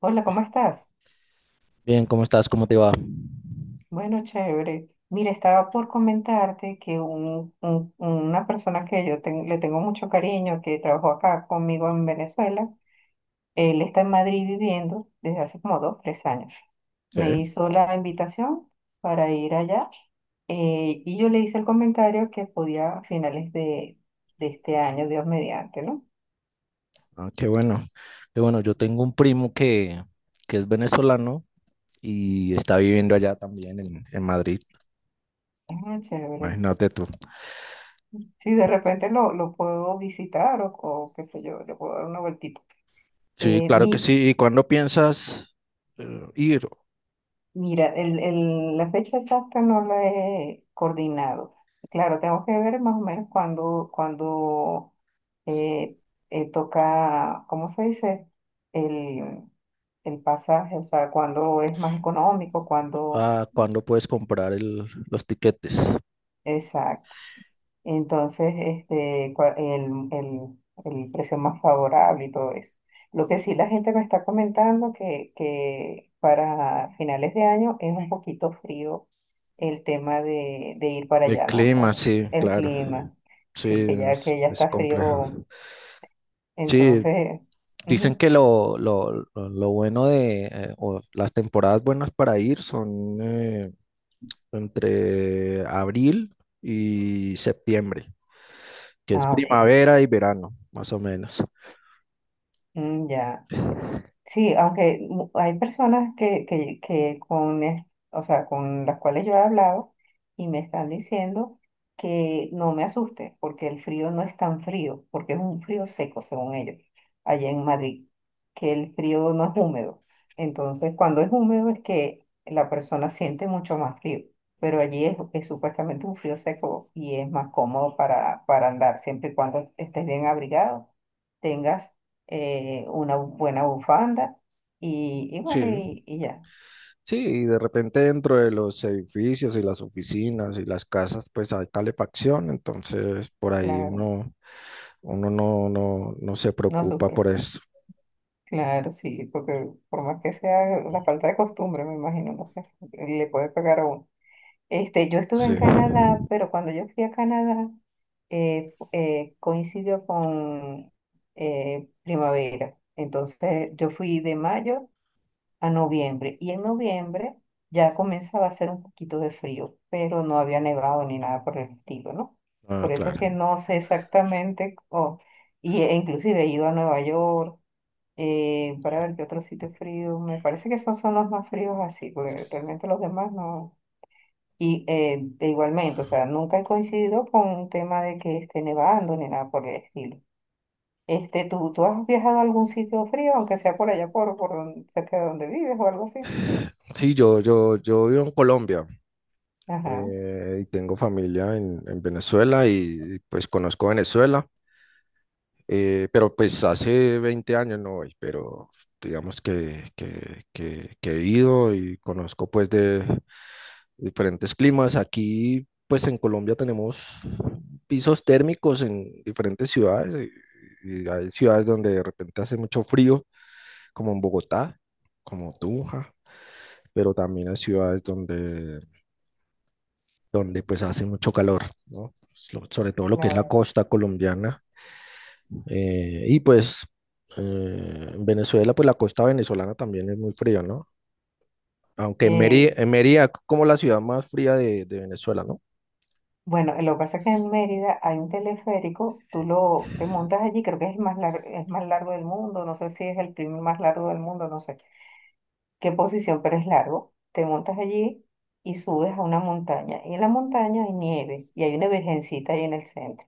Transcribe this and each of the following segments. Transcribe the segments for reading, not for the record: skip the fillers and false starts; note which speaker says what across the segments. Speaker 1: Hola, ¿cómo estás?
Speaker 2: Bien, ¿cómo estás? ¿Cómo te va?
Speaker 1: Bueno, chévere. Mira, estaba por comentarte que una persona que yo le tengo mucho cariño, que trabajó acá conmigo en Venezuela, él está en Madrid viviendo desde hace como 2, 3 años. Me
Speaker 2: Sí.
Speaker 1: hizo la invitación para ir allá y yo le hice el comentario que podía a finales de este año, Dios mediante, ¿no?
Speaker 2: Ah, qué bueno. Qué bueno, yo tengo un primo que es venezolano y está viviendo allá también en Madrid.
Speaker 1: Ah, chévere.
Speaker 2: Imagínate tú.
Speaker 1: Sí, de repente lo puedo visitar o qué sé yo, le puedo dar una vueltita.
Speaker 2: Sí,
Speaker 1: Eh,
Speaker 2: claro que
Speaker 1: mi,
Speaker 2: sí. ¿Y cuándo piensas ir?
Speaker 1: Mira, la fecha exacta no la he coordinado. Claro, tengo que ver más o menos cuándo, eh, toca, ¿cómo se dice? El, el pasaje, o sea, cuándo es más económico, cuándo.
Speaker 2: Ah, ¿cuándo puedes comprar los tiquetes?
Speaker 1: Entonces, este, el precio más favorable y todo eso. Lo que sí la gente me está comentando que para finales de año es un poquito frío el tema de ir para
Speaker 2: De
Speaker 1: allá, ¿no? O
Speaker 2: clima,
Speaker 1: sea,
Speaker 2: sí,
Speaker 1: el
Speaker 2: claro.
Speaker 1: clima.
Speaker 2: Sí,
Speaker 1: Sí,
Speaker 2: es,
Speaker 1: que ya
Speaker 2: es
Speaker 1: está
Speaker 2: complejo.
Speaker 1: frío,
Speaker 2: Sí,
Speaker 1: entonces.
Speaker 2: dicen
Speaker 1: Ujú.
Speaker 2: que lo bueno o las temporadas buenas para ir son entre abril y septiembre, que es
Speaker 1: Ah, ok.
Speaker 2: primavera y verano, más o menos.
Speaker 1: Mm, ya. Sí, hay personas que con, o sea, con las cuales yo he hablado y me están diciendo que no me asuste, porque el frío no es tan frío, porque es un frío seco, según ellos, allá en Madrid, que el frío no es húmedo. Entonces, cuando es húmedo es que la persona siente mucho más frío, pero allí es supuestamente un frío seco y es más cómodo para andar, siempre y cuando estés bien abrigado, tengas una buena bufanda y bueno,
Speaker 2: Sí,
Speaker 1: y ya,
Speaker 2: sí, y de repente dentro de los edificios y las oficinas y las casas, pues hay calefacción, entonces por ahí
Speaker 1: claro,
Speaker 2: uno no se
Speaker 1: no
Speaker 2: preocupa
Speaker 1: sufre,
Speaker 2: por eso.
Speaker 1: claro, sí, porque por más que sea la falta de costumbre, me imagino, no sé, le puede pegar a uno. Este, yo estuve
Speaker 2: Sí,
Speaker 1: en Canadá, pero cuando yo fui a Canadá, coincidió con primavera, entonces yo fui de mayo a noviembre. Y en noviembre ya comenzaba a hacer un poquito de frío, pero no había nevado ni nada por el estilo, ¿no?
Speaker 2: ah,
Speaker 1: Por eso es
Speaker 2: claro.
Speaker 1: que no sé exactamente, y e inclusive he ido a Nueva York para ver qué otro sitio es frío. Me parece que esos son los más fríos así, porque realmente los demás no. Y de igualmente, o sea, nunca he coincidido con un tema de que esté nevando ni nada por el estilo. Este, ¿tú has viajado a algún sitio frío, aunque sea por allá por cerca de donde vives o algo así?
Speaker 2: Sí, yo vivo en Colombia.
Speaker 1: Ajá.
Speaker 2: Y tengo familia en Venezuela y pues conozco Venezuela. Pero pues hace 20 años no voy, pero digamos que he ido y conozco pues de diferentes climas. Aquí pues en Colombia tenemos pisos térmicos en diferentes ciudades y hay ciudades donde de repente hace mucho frío, como en Bogotá, como Tunja, pero también hay ciudades donde pues hace mucho calor, ¿no? Sobre todo lo que es la
Speaker 1: Claro.
Speaker 2: costa colombiana. Y pues en Venezuela, pues la costa venezolana también es muy fría, ¿no? Aunque
Speaker 1: Eh,
Speaker 2: Mérida es como la ciudad más fría de Venezuela, ¿no?
Speaker 1: bueno, lo que pasa es que en Mérida hay un teleférico, tú lo te montas allí, creo que es el más largo, es más largo del mundo, no sé si es el primer más largo del mundo, no sé qué posición, pero es largo. Te montas allí y subes a una montaña. Y en la montaña hay nieve y hay una virgencita ahí en el centro.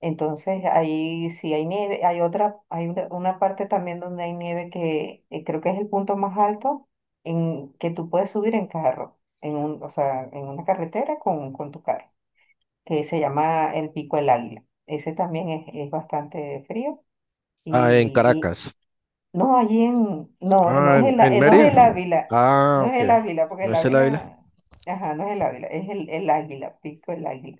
Speaker 1: Entonces ahí sí hay nieve, hay otra, hay una parte también donde hay nieve que creo que es el punto más alto en que tú puedes subir en carro, o sea, en una carretera con tu carro. Se llama el Pico del Águila. Ese también es bastante frío.
Speaker 2: Ah, en
Speaker 1: Y
Speaker 2: Caracas.
Speaker 1: no, allí en, no, no
Speaker 2: Ah,
Speaker 1: es
Speaker 2: en,
Speaker 1: el,
Speaker 2: en
Speaker 1: no
Speaker 2: Mérida.
Speaker 1: es el Ávila,
Speaker 2: Ah,
Speaker 1: no es
Speaker 2: ok.
Speaker 1: el Ávila, porque
Speaker 2: ¿No
Speaker 1: el
Speaker 2: es el Ávila?
Speaker 1: Ávila, ajá, no es el Ávila, es el Águila, Pico del Águila.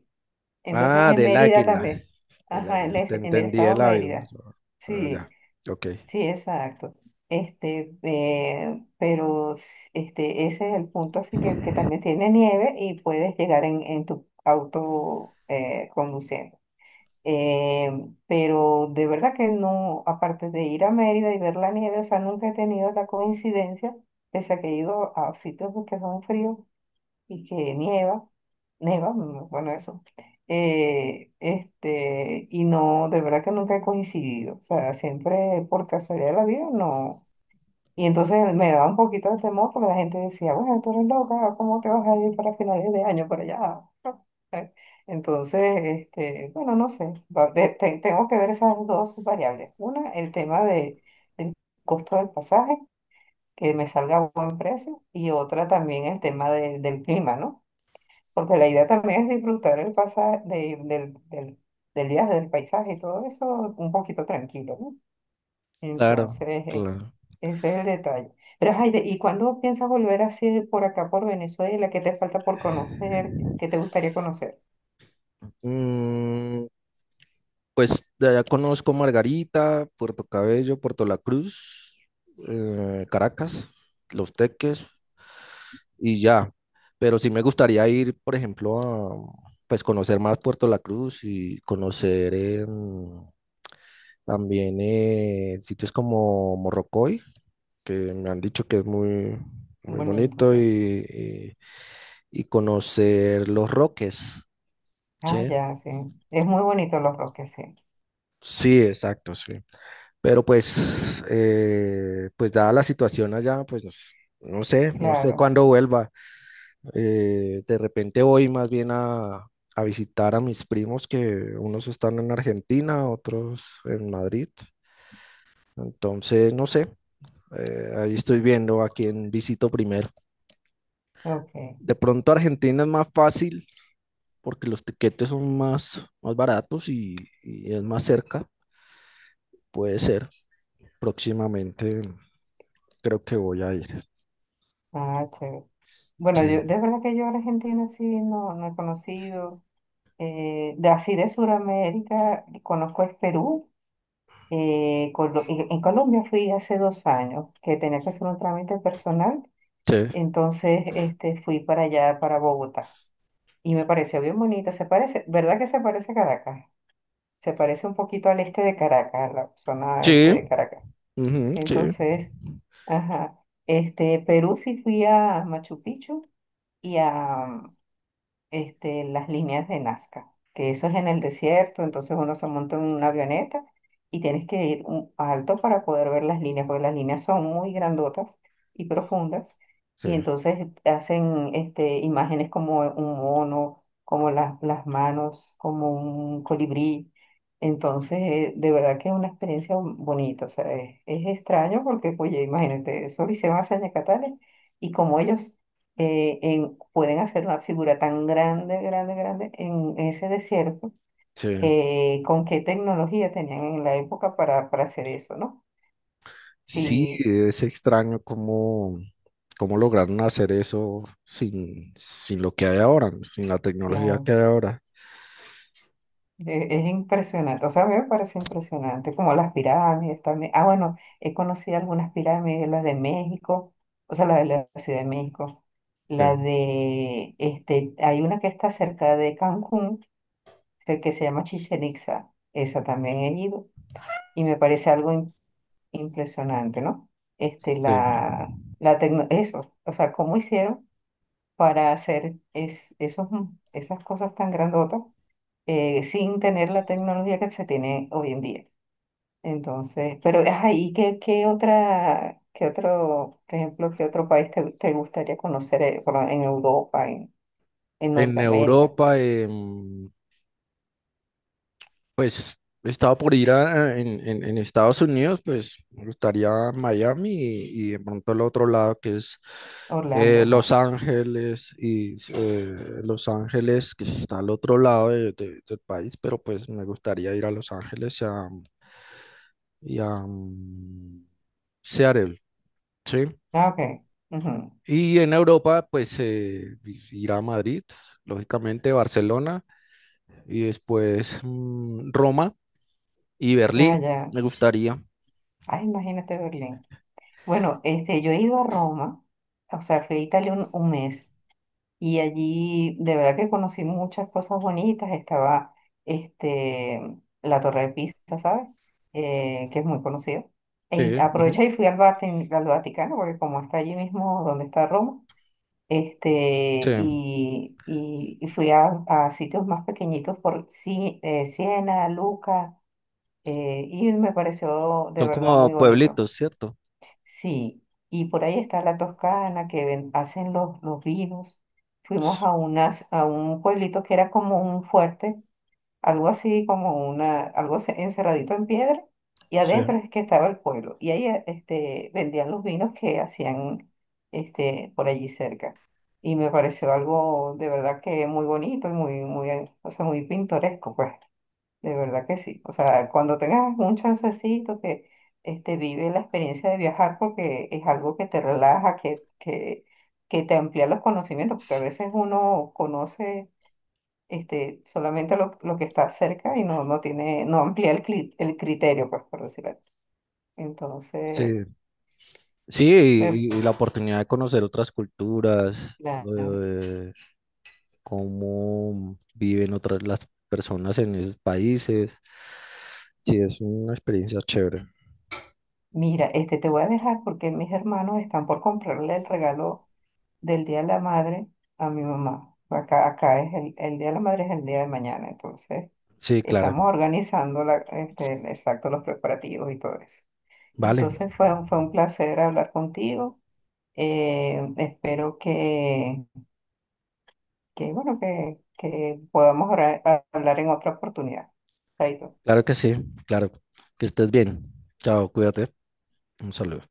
Speaker 1: Entonces
Speaker 2: Ah,
Speaker 1: en
Speaker 2: del
Speaker 1: Mérida
Speaker 2: Águila.
Speaker 1: también,
Speaker 2: Del
Speaker 1: ajá,
Speaker 2: Águila. Te
Speaker 1: en el
Speaker 2: entendí
Speaker 1: estado
Speaker 2: el Ávila.
Speaker 1: Mérida.
Speaker 2: Ah,
Speaker 1: Sí,
Speaker 2: ya. Ok.
Speaker 1: sí, exacto. Este, este, ese es el punto, así que también tiene nieve y puedes llegar en tu auto conduciendo. Eh, pero de verdad que no, aparte de ir a Mérida y ver la nieve, o sea, nunca he tenido la coincidencia, pese a que he ido a sitios que son fríos y que nieva, bueno, eso. Este, y no, de verdad que nunca he coincidido, o sea, siempre por casualidad de la vida, no. Y entonces me daba un poquito de temor porque la gente decía, bueno, tú eres loca, ¿cómo te vas a ir para finales de año para allá? No, ¿eh? Entonces, este, bueno, no sé, tengo que ver esas dos variables. Una, el tema del costo del pasaje, que me salga a buen precio, y otra también el tema del clima, ¿no? Porque la idea también es disfrutar el pasaje del, del día del paisaje y todo eso un poquito tranquilo, ¿no?
Speaker 2: Claro.
Speaker 1: Entonces,
Speaker 2: Claro.
Speaker 1: ese es el detalle. Pero, Jaide, ¿y cuándo piensas volver así por acá, por Venezuela? ¿Qué te falta por conocer? ¿Qué te gustaría conocer?
Speaker 2: Mm, Pues de allá conozco Margarita, Puerto Cabello, Puerto La Cruz, Caracas, Los Teques y ya. Pero sí me gustaría ir, por ejemplo, a pues conocer más Puerto La Cruz y conocer también sitios como Morrocoy, que me han dicho que es muy, muy
Speaker 1: Bonito,
Speaker 2: bonito,
Speaker 1: sí.
Speaker 2: y conocer Los Roques,
Speaker 1: Ah,
Speaker 2: ¿sí?
Speaker 1: ya, sí. Es muy bonito Los Roques, sí.
Speaker 2: Sí, exacto, sí. Pero pues dada la situación allá, pues no sé
Speaker 1: Claro.
Speaker 2: cuándo vuelva. De repente voy más bien a visitar a mis primos que unos están en Argentina, otros en Madrid. Entonces, no sé, ahí estoy viendo a quién visito primero.
Speaker 1: Ok.
Speaker 2: De pronto Argentina es más fácil porque los tiquetes son más baratos y es más cerca. Puede ser, próximamente creo que voy a ir.
Speaker 1: Ah, chévere. Bueno,
Speaker 2: Sí.
Speaker 1: yo, de verdad que yo a Argentina sí no, no he conocido. Así de Sudamérica, conozco es Perú. En Colombia fui hace 2 años que tenía que hacer un trámite personal.
Speaker 2: Sí.
Speaker 1: Entonces, este, fui para allá, para Bogotá, y me pareció bien bonita. Se parece, ¿verdad que se parece a Caracas? Se parece un poquito al este de Caracas, a la zona este
Speaker 2: Sí,
Speaker 1: de Caracas.
Speaker 2: ujú, sí,
Speaker 1: Entonces, ajá, este, Perú sí fui a Machu Picchu y a, este, las líneas de Nazca, que eso es en el desierto, entonces uno se monta en una avioneta y tienes que ir alto para poder ver las líneas, porque las líneas son muy grandotas y profundas,
Speaker 2: sí,
Speaker 1: y entonces hacen este, imágenes como un mono, como las manos, como un colibrí. Entonces, de verdad que es una experiencia bonita, o sea, es extraño porque, oye, imagínate, eso lo hicieron hace años catalanes y como ellos pueden hacer una figura tan grande, grande, grande en ese desierto,
Speaker 2: sí.
Speaker 1: con qué tecnología tenían en la época para hacer eso, ¿no?
Speaker 2: Sí,
Speaker 1: Sí,
Speaker 2: es extraño cómo lograron hacer eso sin lo que hay ahora, sin la tecnología que
Speaker 1: claro,
Speaker 2: hay ahora.
Speaker 1: es impresionante, o sea, a mí me parece impresionante, como las pirámides también. Ah, bueno, he conocido algunas pirámides, las de México, o sea, la de la Ciudad de México.
Speaker 2: Sí,
Speaker 1: La de, este, hay una que está cerca de Cancún, que se llama Chichen Itza. Esa también he ido y me parece algo impresionante, ¿no? Este,
Speaker 2: sí.
Speaker 1: eso, o sea, ¿cómo hicieron para hacer esos, esas cosas tan grandotas sin tener la tecnología que se tiene hoy en día? Entonces, pero, ajá, ¿y qué, qué otro, por ejemplo, qué otro país te gustaría conocer en Europa, en
Speaker 2: En
Speaker 1: Norteamérica?
Speaker 2: Europa. En Pues estaba por ir en Estados Unidos, pues me gustaría Miami y de pronto el otro lado que es
Speaker 1: Orlando, ajá.
Speaker 2: Los Ángeles y Los Ángeles que está al otro lado del país, pero pues me gustaría ir a Los Ángeles y a Seattle, ¿sí?
Speaker 1: Ah, ok. Ujú.
Speaker 2: Y en Europa pues ir a Madrid, lógicamente Barcelona y después Roma y
Speaker 1: Ah,
Speaker 2: Berlín
Speaker 1: ya.
Speaker 2: me gustaría.
Speaker 1: Ah, imagínate Berlín. Bueno, este, yo he ido a Roma, o sea, fui a Italia un mes y allí de verdad que conocí muchas cosas bonitas. Estaba este, la Torre de Pisa, ¿sabes? Que es muy conocida. Y
Speaker 2: Sí, ujú,
Speaker 1: aproveché y fui al, al Vaticano, porque como está allí mismo donde está Roma, este,
Speaker 2: sí.
Speaker 1: y fui a sitios más pequeñitos por Siena, Lucca, y me pareció de
Speaker 2: Son
Speaker 1: verdad muy
Speaker 2: como
Speaker 1: bonito.
Speaker 2: pueblitos, ¿cierto?
Speaker 1: Sí, y por ahí está la Toscana que hacen los vinos. Fuimos a unas, a un pueblito que era como un fuerte, algo así como una, encerradito en piedra, y
Speaker 2: Sí.
Speaker 1: adentro es que estaba el pueblo. Y ahí este, vendían los vinos que hacían este, por allí cerca. Y me pareció algo de verdad que muy bonito y muy, muy, o sea, muy pintoresco, pues. De verdad que sí. O sea, cuando tengas un chancecito que este, vive la experiencia de viajar porque es algo que te relaja, que te amplía los conocimientos, porque a veces uno conoce este, solamente lo que está cerca y no, no tiene, no amplía el, el criterio, pues, por decirlo así. Entonces,
Speaker 2: Sí.
Speaker 1: me,
Speaker 2: Sí, y la oportunidad de conocer otras culturas,
Speaker 1: claro.
Speaker 2: eh, cómo viven otras las personas en esos países. Sí, es una experiencia chévere.
Speaker 1: Mira, este, te voy a dejar porque mis hermanos están por comprarle el regalo del Día de la Madre a mi mamá. Acá, acá es el Día de la Madre es el día de mañana, entonces
Speaker 2: Sí, claro.
Speaker 1: estamos organizando la, este, exacto los preparativos y todo eso.
Speaker 2: Vale.
Speaker 1: Entonces fue, fue un placer hablar contigo. Espero que, bueno, que podamos hablar en otra oportunidad. Chaito.
Speaker 2: Claro que sí. Claro. Que estés bien. Chao, cuídate. Un saludo.